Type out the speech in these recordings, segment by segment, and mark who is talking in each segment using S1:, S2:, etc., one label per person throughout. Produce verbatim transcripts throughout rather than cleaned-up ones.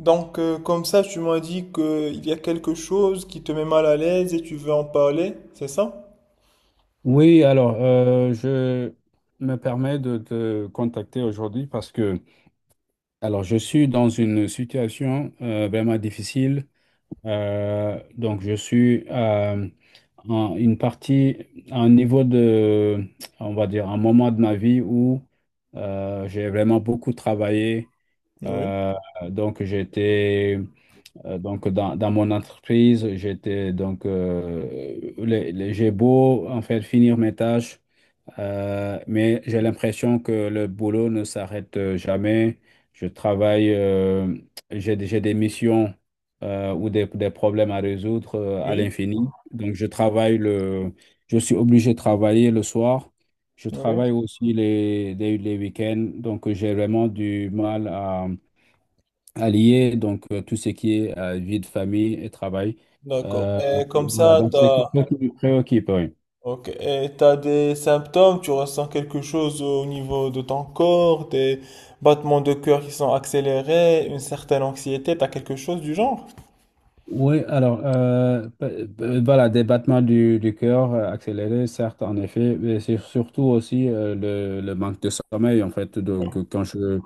S1: Donc, euh, comme ça, tu m'as dit qu'il y a quelque chose qui te met mal à l'aise et tu veux en parler, c'est ça?
S2: Oui, alors euh, je me permets de te contacter aujourd'hui parce que alors je suis dans une situation euh, vraiment difficile. Euh, donc je suis à en- une partie, à un niveau de, on va dire, un moment de ma vie où euh, j'ai vraiment beaucoup travaillé.
S1: Oui,
S2: Euh, donc j'étais euh, donc dans, dans mon entreprise, j'étais donc euh, les- les- j'ai beau en fait finir mes tâches. Euh, mais j'ai l'impression que le boulot ne s'arrête euh, jamais. Je travaille, euh, j'ai, des j'ai des missions euh, ou des, des problèmes à résoudre euh, à
S1: oui.
S2: l'infini. Donc, je travaille le, je suis obligé de travailler le soir. Je
S1: Oui.
S2: travaille aussi les, les, les week-ends. Donc, euh, j'ai vraiment du mal à, à lier donc, euh, tout ce qui est euh, vie de famille et travail.
S1: D'accord.
S2: Euh,
S1: Et comme
S2: voilà,
S1: ça,
S2: donc c'est quelque
S1: t'as,
S2: chose qui me préoccupe. Oui.
S1: ok. Et t'as des symptômes, tu ressens quelque chose au niveau de ton corps, des battements de cœur qui sont accélérés, une certaine anxiété, t'as quelque chose du genre?
S2: Oui, alors, euh, pe- pe- voilà, des battements du, du cœur euh, accélérés, certes, en effet, mais c'est surtout aussi euh, le, le manque de sommeil, en fait. Donc, euh, quand je,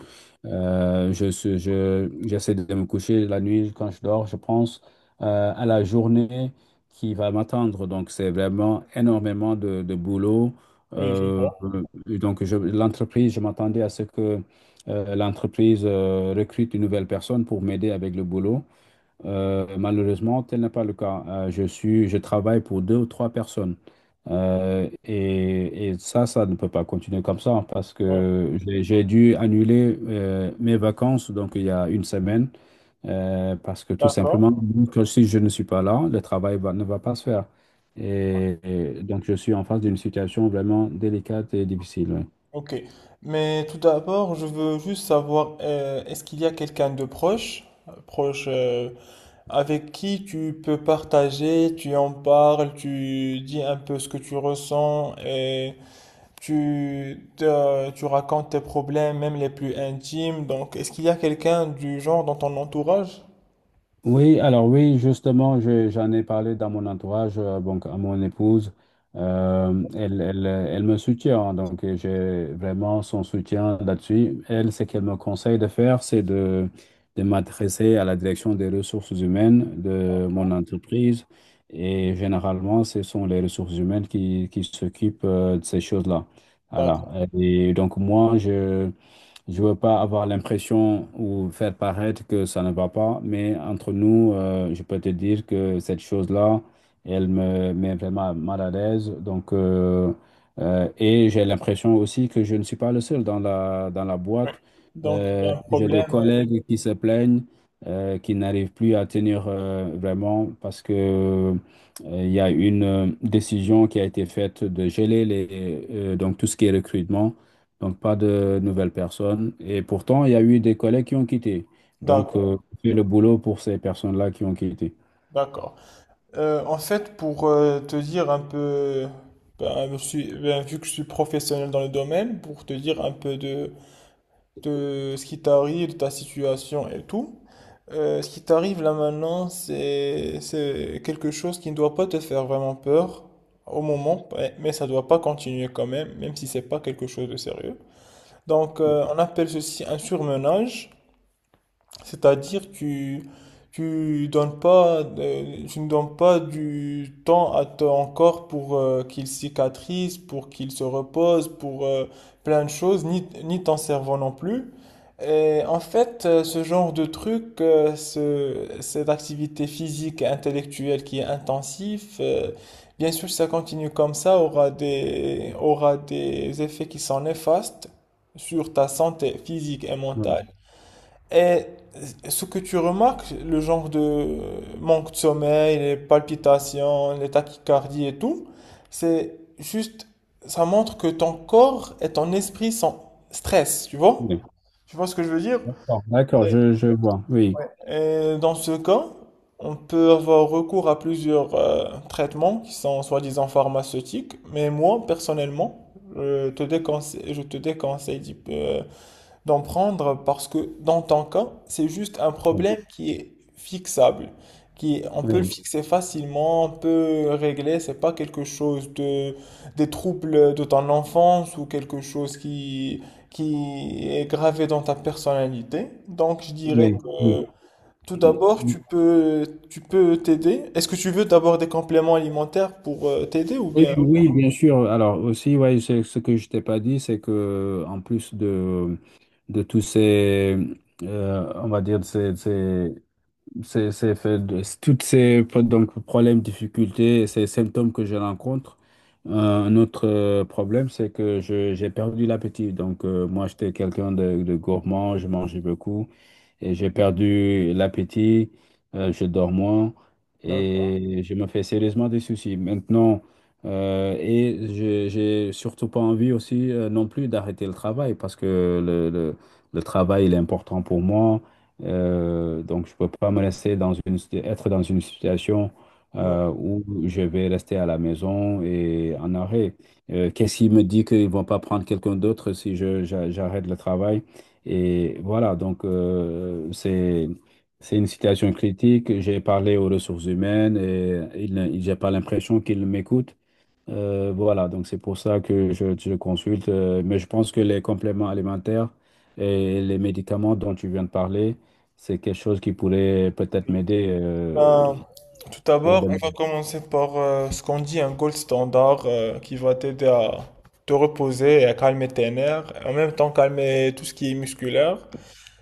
S2: euh, je, suis- je, j'essaie de me coucher la nuit, quand je dors, je pense euh, à la journée qui va m'attendre. Donc, c'est vraiment énormément de, de boulot.
S1: Oui, je
S2: Euh,
S1: vois.
S2: et donc, je- l'entreprise, je m'attendais à ce que euh, l'entreprise euh, recrute une nouvelle personne pour m'aider avec le boulot. Euh, malheureusement, tel n'est pas le cas. Euh, je suis, je travaille pour deux ou trois personnes. Euh, et, et ça, ça ne peut pas continuer comme ça parce
S1: Ouais,
S2: que j'ai j'ai dû annuler euh, mes vacances donc il y a une semaine euh, parce que tout simplement,
S1: d'accord.
S2: que si je ne suis pas là, le travail va- ne va pas se faire. Et, et donc, je suis en face d'une situation vraiment délicate et difficile. Ouais.
S1: Ok. Mais tout d'abord, je veux juste savoir, euh, est-ce qu'il y a quelqu'un de proche, proche, euh, avec qui tu peux partager, tu en parles, tu dis un peu ce que tu ressens et tu, te- tu racontes tes problèmes, même les plus intimes. Donc, est-ce qu'il y a quelqu'un du genre dans ton entourage?
S2: Oui, alors oui, justement, je- j'en ai parlé dans mon entourage, euh, donc à mon épouse. Euh, elle, elle, elle me soutient, hein, donc euh, j'ai vraiment son soutien là-dessus. Elle, ce qu'elle me conseille de faire, c'est de, de m'adresser à la direction des ressources humaines de mon entreprise. Et généralement, ce sont les ressources humaines qui, qui s'occupent euh, de ces choses-là. Voilà.
S1: D'accord.
S2: Et donc moi, je... Je veux pas avoir l'impression ou faire paraître que ça ne va pas, mais entre nous, euh, je peux te dire que cette chose-là, elle me met vraiment mal à l'aise. Donc, euh, euh, et j'ai l'impression aussi que je ne suis pas le seul dans la, dans la boîte.
S1: Donc, il y
S2: Euh,
S1: a un
S2: j'ai des
S1: problème. euh,
S2: collègues qui se plaignent, euh, qui n'arrivent plus à tenir euh, vraiment parce que euh, il y a une euh, décision qui a été faite de geler les, euh, donc tout ce qui est recrutement. Donc, pas de nouvelles personnes. Et pourtant, il y a eu des collègues qui ont quitté. Donc,
S1: D'accord,
S2: euh, fais le boulot pour ces personnes-là qui ont quitté.
S1: d'accord. Euh, en fait, pour euh, te dire un peu, ben, je suis- ben, vu que je suis professionnel dans le domaine, pour te dire un peu de, de ce qui t'arrive, de ta situation et tout. Euh, ce qui t'arrive là maintenant, c'est c'est quelque chose qui ne doit pas te faire vraiment peur au moment, mais mais ça ne doit pas continuer quand même, même si c'est pas quelque chose de sérieux. Donc, euh, on appelle ceci un surmenage. C'est-à-dire que tu donnes pas, euh, tu ne donnes pas du temps à ton corps pour euh, qu'il cicatrise, pour qu'il se repose, pour euh, plein de choses, ni, ni ton cerveau non plus. Et en fait, euh, ce genre de truc, euh, ce- cette activité physique et intellectuelle qui est intensive, euh, bien sûr, si ça continue comme ça, aura des, aura des effets qui sont néfastes sur ta santé physique et
S2: Oui.
S1: mentale. Et ce que tu remarques, le genre de manque de sommeil, les palpitations, les tachycardies et tout, c'est juste, ça montre que ton corps et ton esprit sont stress, tu vois?
S2: Oui.
S1: Tu vois ce que je veux dire?
S2: D'accord, d'accord, je, je vois. Oui.
S1: Et dans ce cas, on peut avoir recours à plusieurs euh, traitements qui sont soi-disant pharmaceutiques, mais moi, personnellement, je te déconseille, je te déconseille d'y- euh, d'en prendre parce que dans ton cas, c'est juste un
S2: Oui.
S1: problème qui est fixable, qui est- on peut le
S2: Oui.
S1: fixer facilement, on peut le régler, c'est pas quelque chose de des troubles de ton enfance ou quelque chose qui qui est gravé dans ta personnalité. Donc je dirais
S2: Oui.
S1: que tout
S2: Oui,
S1: d'abord, tu peux tu peux t'aider. Est-ce que tu veux d'abord des compléments alimentaires pour euh, t'aider ou
S2: oui,
S1: bien?
S2: oui, bien sûr. Alors aussi, ouais, c'est- ce que je t'ai pas dit, c'est que en plus de, de tous ces, euh, on va dire, ces, ces C'est, c'est fait de- c'est- toutes ces pro- donc, problèmes, difficultés, ces symptômes que je rencontre. Euh, Un autre euh, problème, c'est que je, j'ai perdu l'appétit. Donc, euh, moi, j'étais quelqu'un de, de gourmand, je mangeais beaucoup et j'ai perdu l'appétit, euh, je dors moins
S1: D'accord.
S2: et je me fais sérieusement des soucis. Maintenant, euh, et je- j'ai surtout pas envie aussi euh, non plus d'arrêter le travail parce que le, le- le travail il est important pour moi. Euh, donc, je peux pas me laisser dans une, être dans une situation
S1: Ouais.
S2: euh, où je vais rester à la maison et en arrêt. Euh, qu'est-ce qui me dit qu'ils vont pas prendre quelqu'un d'autre si je, j'a- j'arrête le travail? Et voilà, donc euh, c'est c'est une situation critique. J'ai parlé aux ressources humaines et ils ne- ils- j'ai pas l'impression qu'ils m'écoutent. Euh, voilà, donc c'est pour ça que je, je consulte. Euh, mais je pense que les compléments alimentaires et les médicaments dont tu viens de parler, c'est quelque chose qui pourrait peut-être m'aider euh,
S1: Ben, tout
S2: pour
S1: d'abord, on
S2: demain.
S1: va commencer par euh, ce qu'on dit un gold standard euh, qui va t'aider à te reposer et à calmer tes nerfs, et en même temps calmer tout ce qui est musculaire.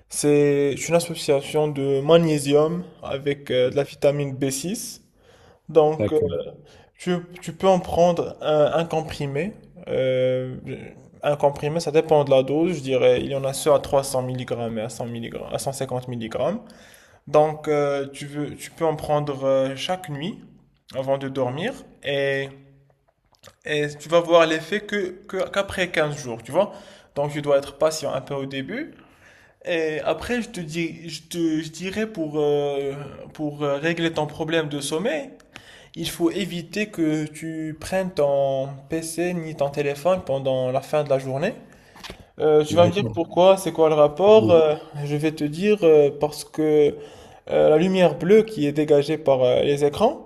S1: C'est une association de magnésium avec euh, de la vitamine B six. Donc, euh,
S2: D'accord,
S1: tu, tu peux en prendre un, un comprimé. Euh, un comprimé, ça dépend de la dose. Je dirais, il y en a ceux à trois cents milligrammes et à cent milligrammes, à cent cinquante milligrammes. Donc, euh, tu veux, tu peux en prendre euh, chaque nuit avant de dormir et, et tu vas voir l'effet que, que- qu'après quinze jours, tu vois. Donc, tu dois être patient un peu au début. Et après, je te dis, je te, je dirais pour, euh, pour euh, régler ton problème de sommeil, il faut éviter que tu prennes ton P C ni ton téléphone pendant la fin de la journée. Euh, tu vas me dire
S2: d'accord.
S1: pourquoi, c'est quoi le rapport? Euh, je vais te dire euh, parce que euh, la lumière bleue qui est dégagée par euh, les écrans,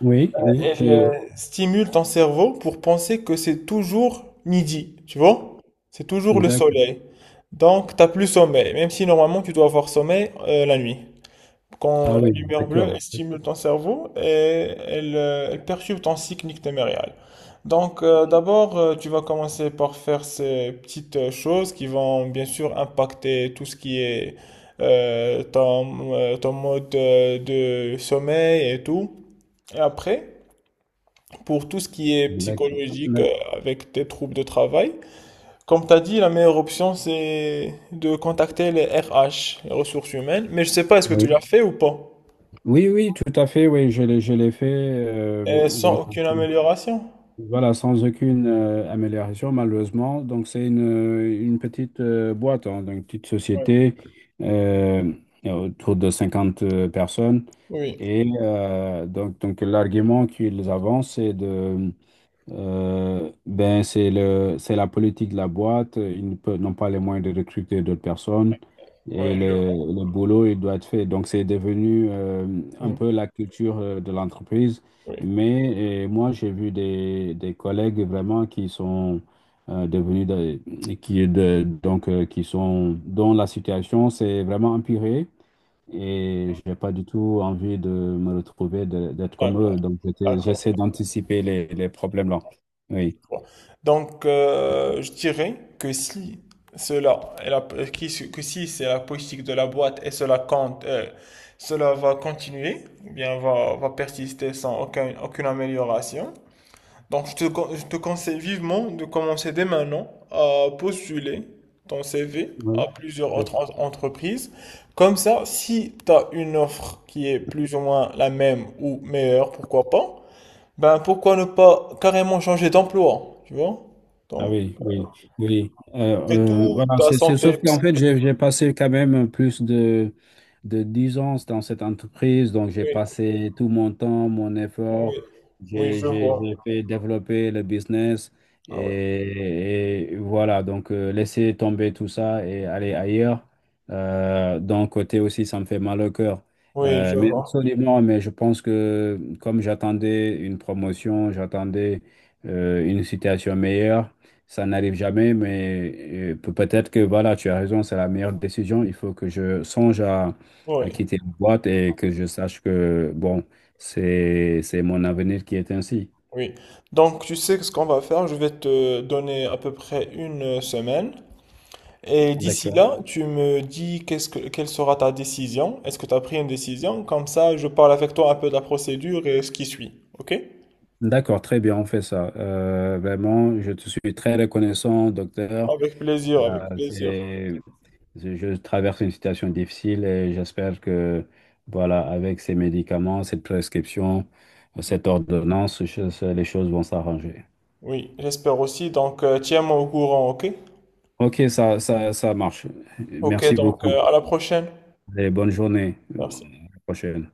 S2: Oui, oui,
S1: elle
S2: je...
S1: euh, stimule ton cerveau pour penser que c'est toujours midi, tu vois? C'est toujours le
S2: D'accord.
S1: soleil. Donc, t'as plus sommeil, même si normalement tu dois avoir sommeil euh, la nuit.
S2: Ah
S1: Quand la
S2: oui,
S1: lumière bleue, elle
S2: d'accord,
S1: stimule ton cerveau et elle, euh, elle perturbe ton cycle nictémérial. Donc, euh, d'abord, euh, tu vas commencer par faire ces petites euh, choses qui vont bien sûr impacter tout ce qui est euh, ton, euh, ton mode euh, de sommeil et tout. Et après, pour tout ce qui est
S2: d'accord,
S1: psychologique euh,
S2: d'accord.
S1: avec tes troubles de travail, comme tu as dit, la meilleure option, c'est de contacter les R H, les ressources humaines. Mais je sais pas, est-ce que
S2: Oui.
S1: tu l'as fait ou pas?
S2: Oui, oui, tout à fait, oui, je l'ai, je l'ai fait. euh,
S1: Et
S2: donc,
S1: sans aucune amélioration?
S2: voilà, sans aucune euh, amélioration, malheureusement. Donc, c'est une, une petite euh, boîte, hein, donc une petite
S1: Oui,
S2: société euh, autour de cinquante euh, personnes.
S1: oui,
S2: Et euh, donc, donc l'argument qu'ils avancent, c'est de, euh, ben c'est le, c'est la politique de la boîte. Ils ne peuvent- N'ont pas les moyens de recruter d'autres personnes
S1: oui,
S2: et
S1: je
S2: le,
S1: vois.
S2: le boulot, il doit être fait. Donc, c'est devenu euh, un
S1: Mm.
S2: peu la culture euh, de l'entreprise.
S1: Oui,
S2: Mais euh, moi, j'ai vu des, des collègues vraiment qui sont euh, devenus, de- qui, de, donc, euh, qui sont, dont la situation s'est vraiment empirée et j'ai pas du tout envie de me retrouver, de- d'être comme
S1: d'accord,
S2: eux. Donc, j'étais-
S1: d'accord.
S2: j'essaie d'anticiper les, les problèmes là. Oui.
S1: Je vois. Donc, euh, je dirais que si cela, est la- qui- que si c'est la politique de la boîte et cela compte, euh, cela va continuer, ou bien va, va persister sans aucun- aucune amélioration. Donc, je te, con- je te conseille vivement de commencer dès maintenant à postuler ton C V
S2: Oui.
S1: à plusieurs autres en- entreprises. Comme ça, si tu as une offre qui est plus ou moins la même ou meilleure, pourquoi pas, ben pourquoi ne pas carrément changer d'emploi, tu vois?
S2: Ah
S1: Donc,
S2: oui, oui, oui.
S1: après
S2: Euh, euh,
S1: tout,
S2: voilà,
S1: ta
S2: c'est, c'est- sauf
S1: santé.
S2: qu'en
S1: Ps-
S2: fait, j'ai j'ai passé quand même plus de, de dix ans dans cette entreprise. Donc, j'ai
S1: Oui,
S2: passé tout mon temps, mon effort.
S1: oui, oui,
S2: J'ai
S1: je
S2: j'ai-
S1: vois.
S2: j'ai fait développer le business.
S1: Ah ouais.
S2: Et, et voilà, donc, euh, laisser tomber tout ça et aller ailleurs. Euh, d'un côté aussi, ça me fait mal au cœur.
S1: Oui,
S2: Euh,
S1: je
S2: mais
S1: vois.
S2: absolument, mais je pense que comme j'attendais une promotion, j'attendais euh, une situation meilleure. Ça n'arrive jamais, mais euh, peut- peut-être que voilà, tu as raison, c'est la meilleure décision. Il faut que je songe à, à
S1: Oui,
S2: quitter la boîte et que je sache que, bon, c'est, c'est mon avenir qui est ainsi.
S1: oui. Donc, tu sais ce qu'on va faire. Je vais te donner à peu près une semaine. Et d'ici
S2: D'accord.
S1: là, tu me dis qu'est-ce que, quelle sera ta décision? Est-ce que tu as pris une décision? Comme ça, je parle avec toi un peu de la procédure et ce qui suit. OK?
S2: D'accord, très bien, on fait ça. Euh, vraiment, je te suis très reconnaissant, docteur.
S1: Avec plaisir, avec
S2: Euh,
S1: plaisir.
S2: c'est, je je traverse une situation difficile et j'espère que, voilà, avec ces médicaments, cette prescription, cette ordonnance, je- les choses vont s'arranger.
S1: Oui, j'espère aussi. Donc, euh, tiens-moi au courant, OK?
S2: Ok, ça, ça, ça marche.
S1: OK,
S2: Merci
S1: donc
S2: beaucoup.
S1: euh, à la prochaine.
S2: Et bonne journée. À
S1: Merci.
S2: la prochaine.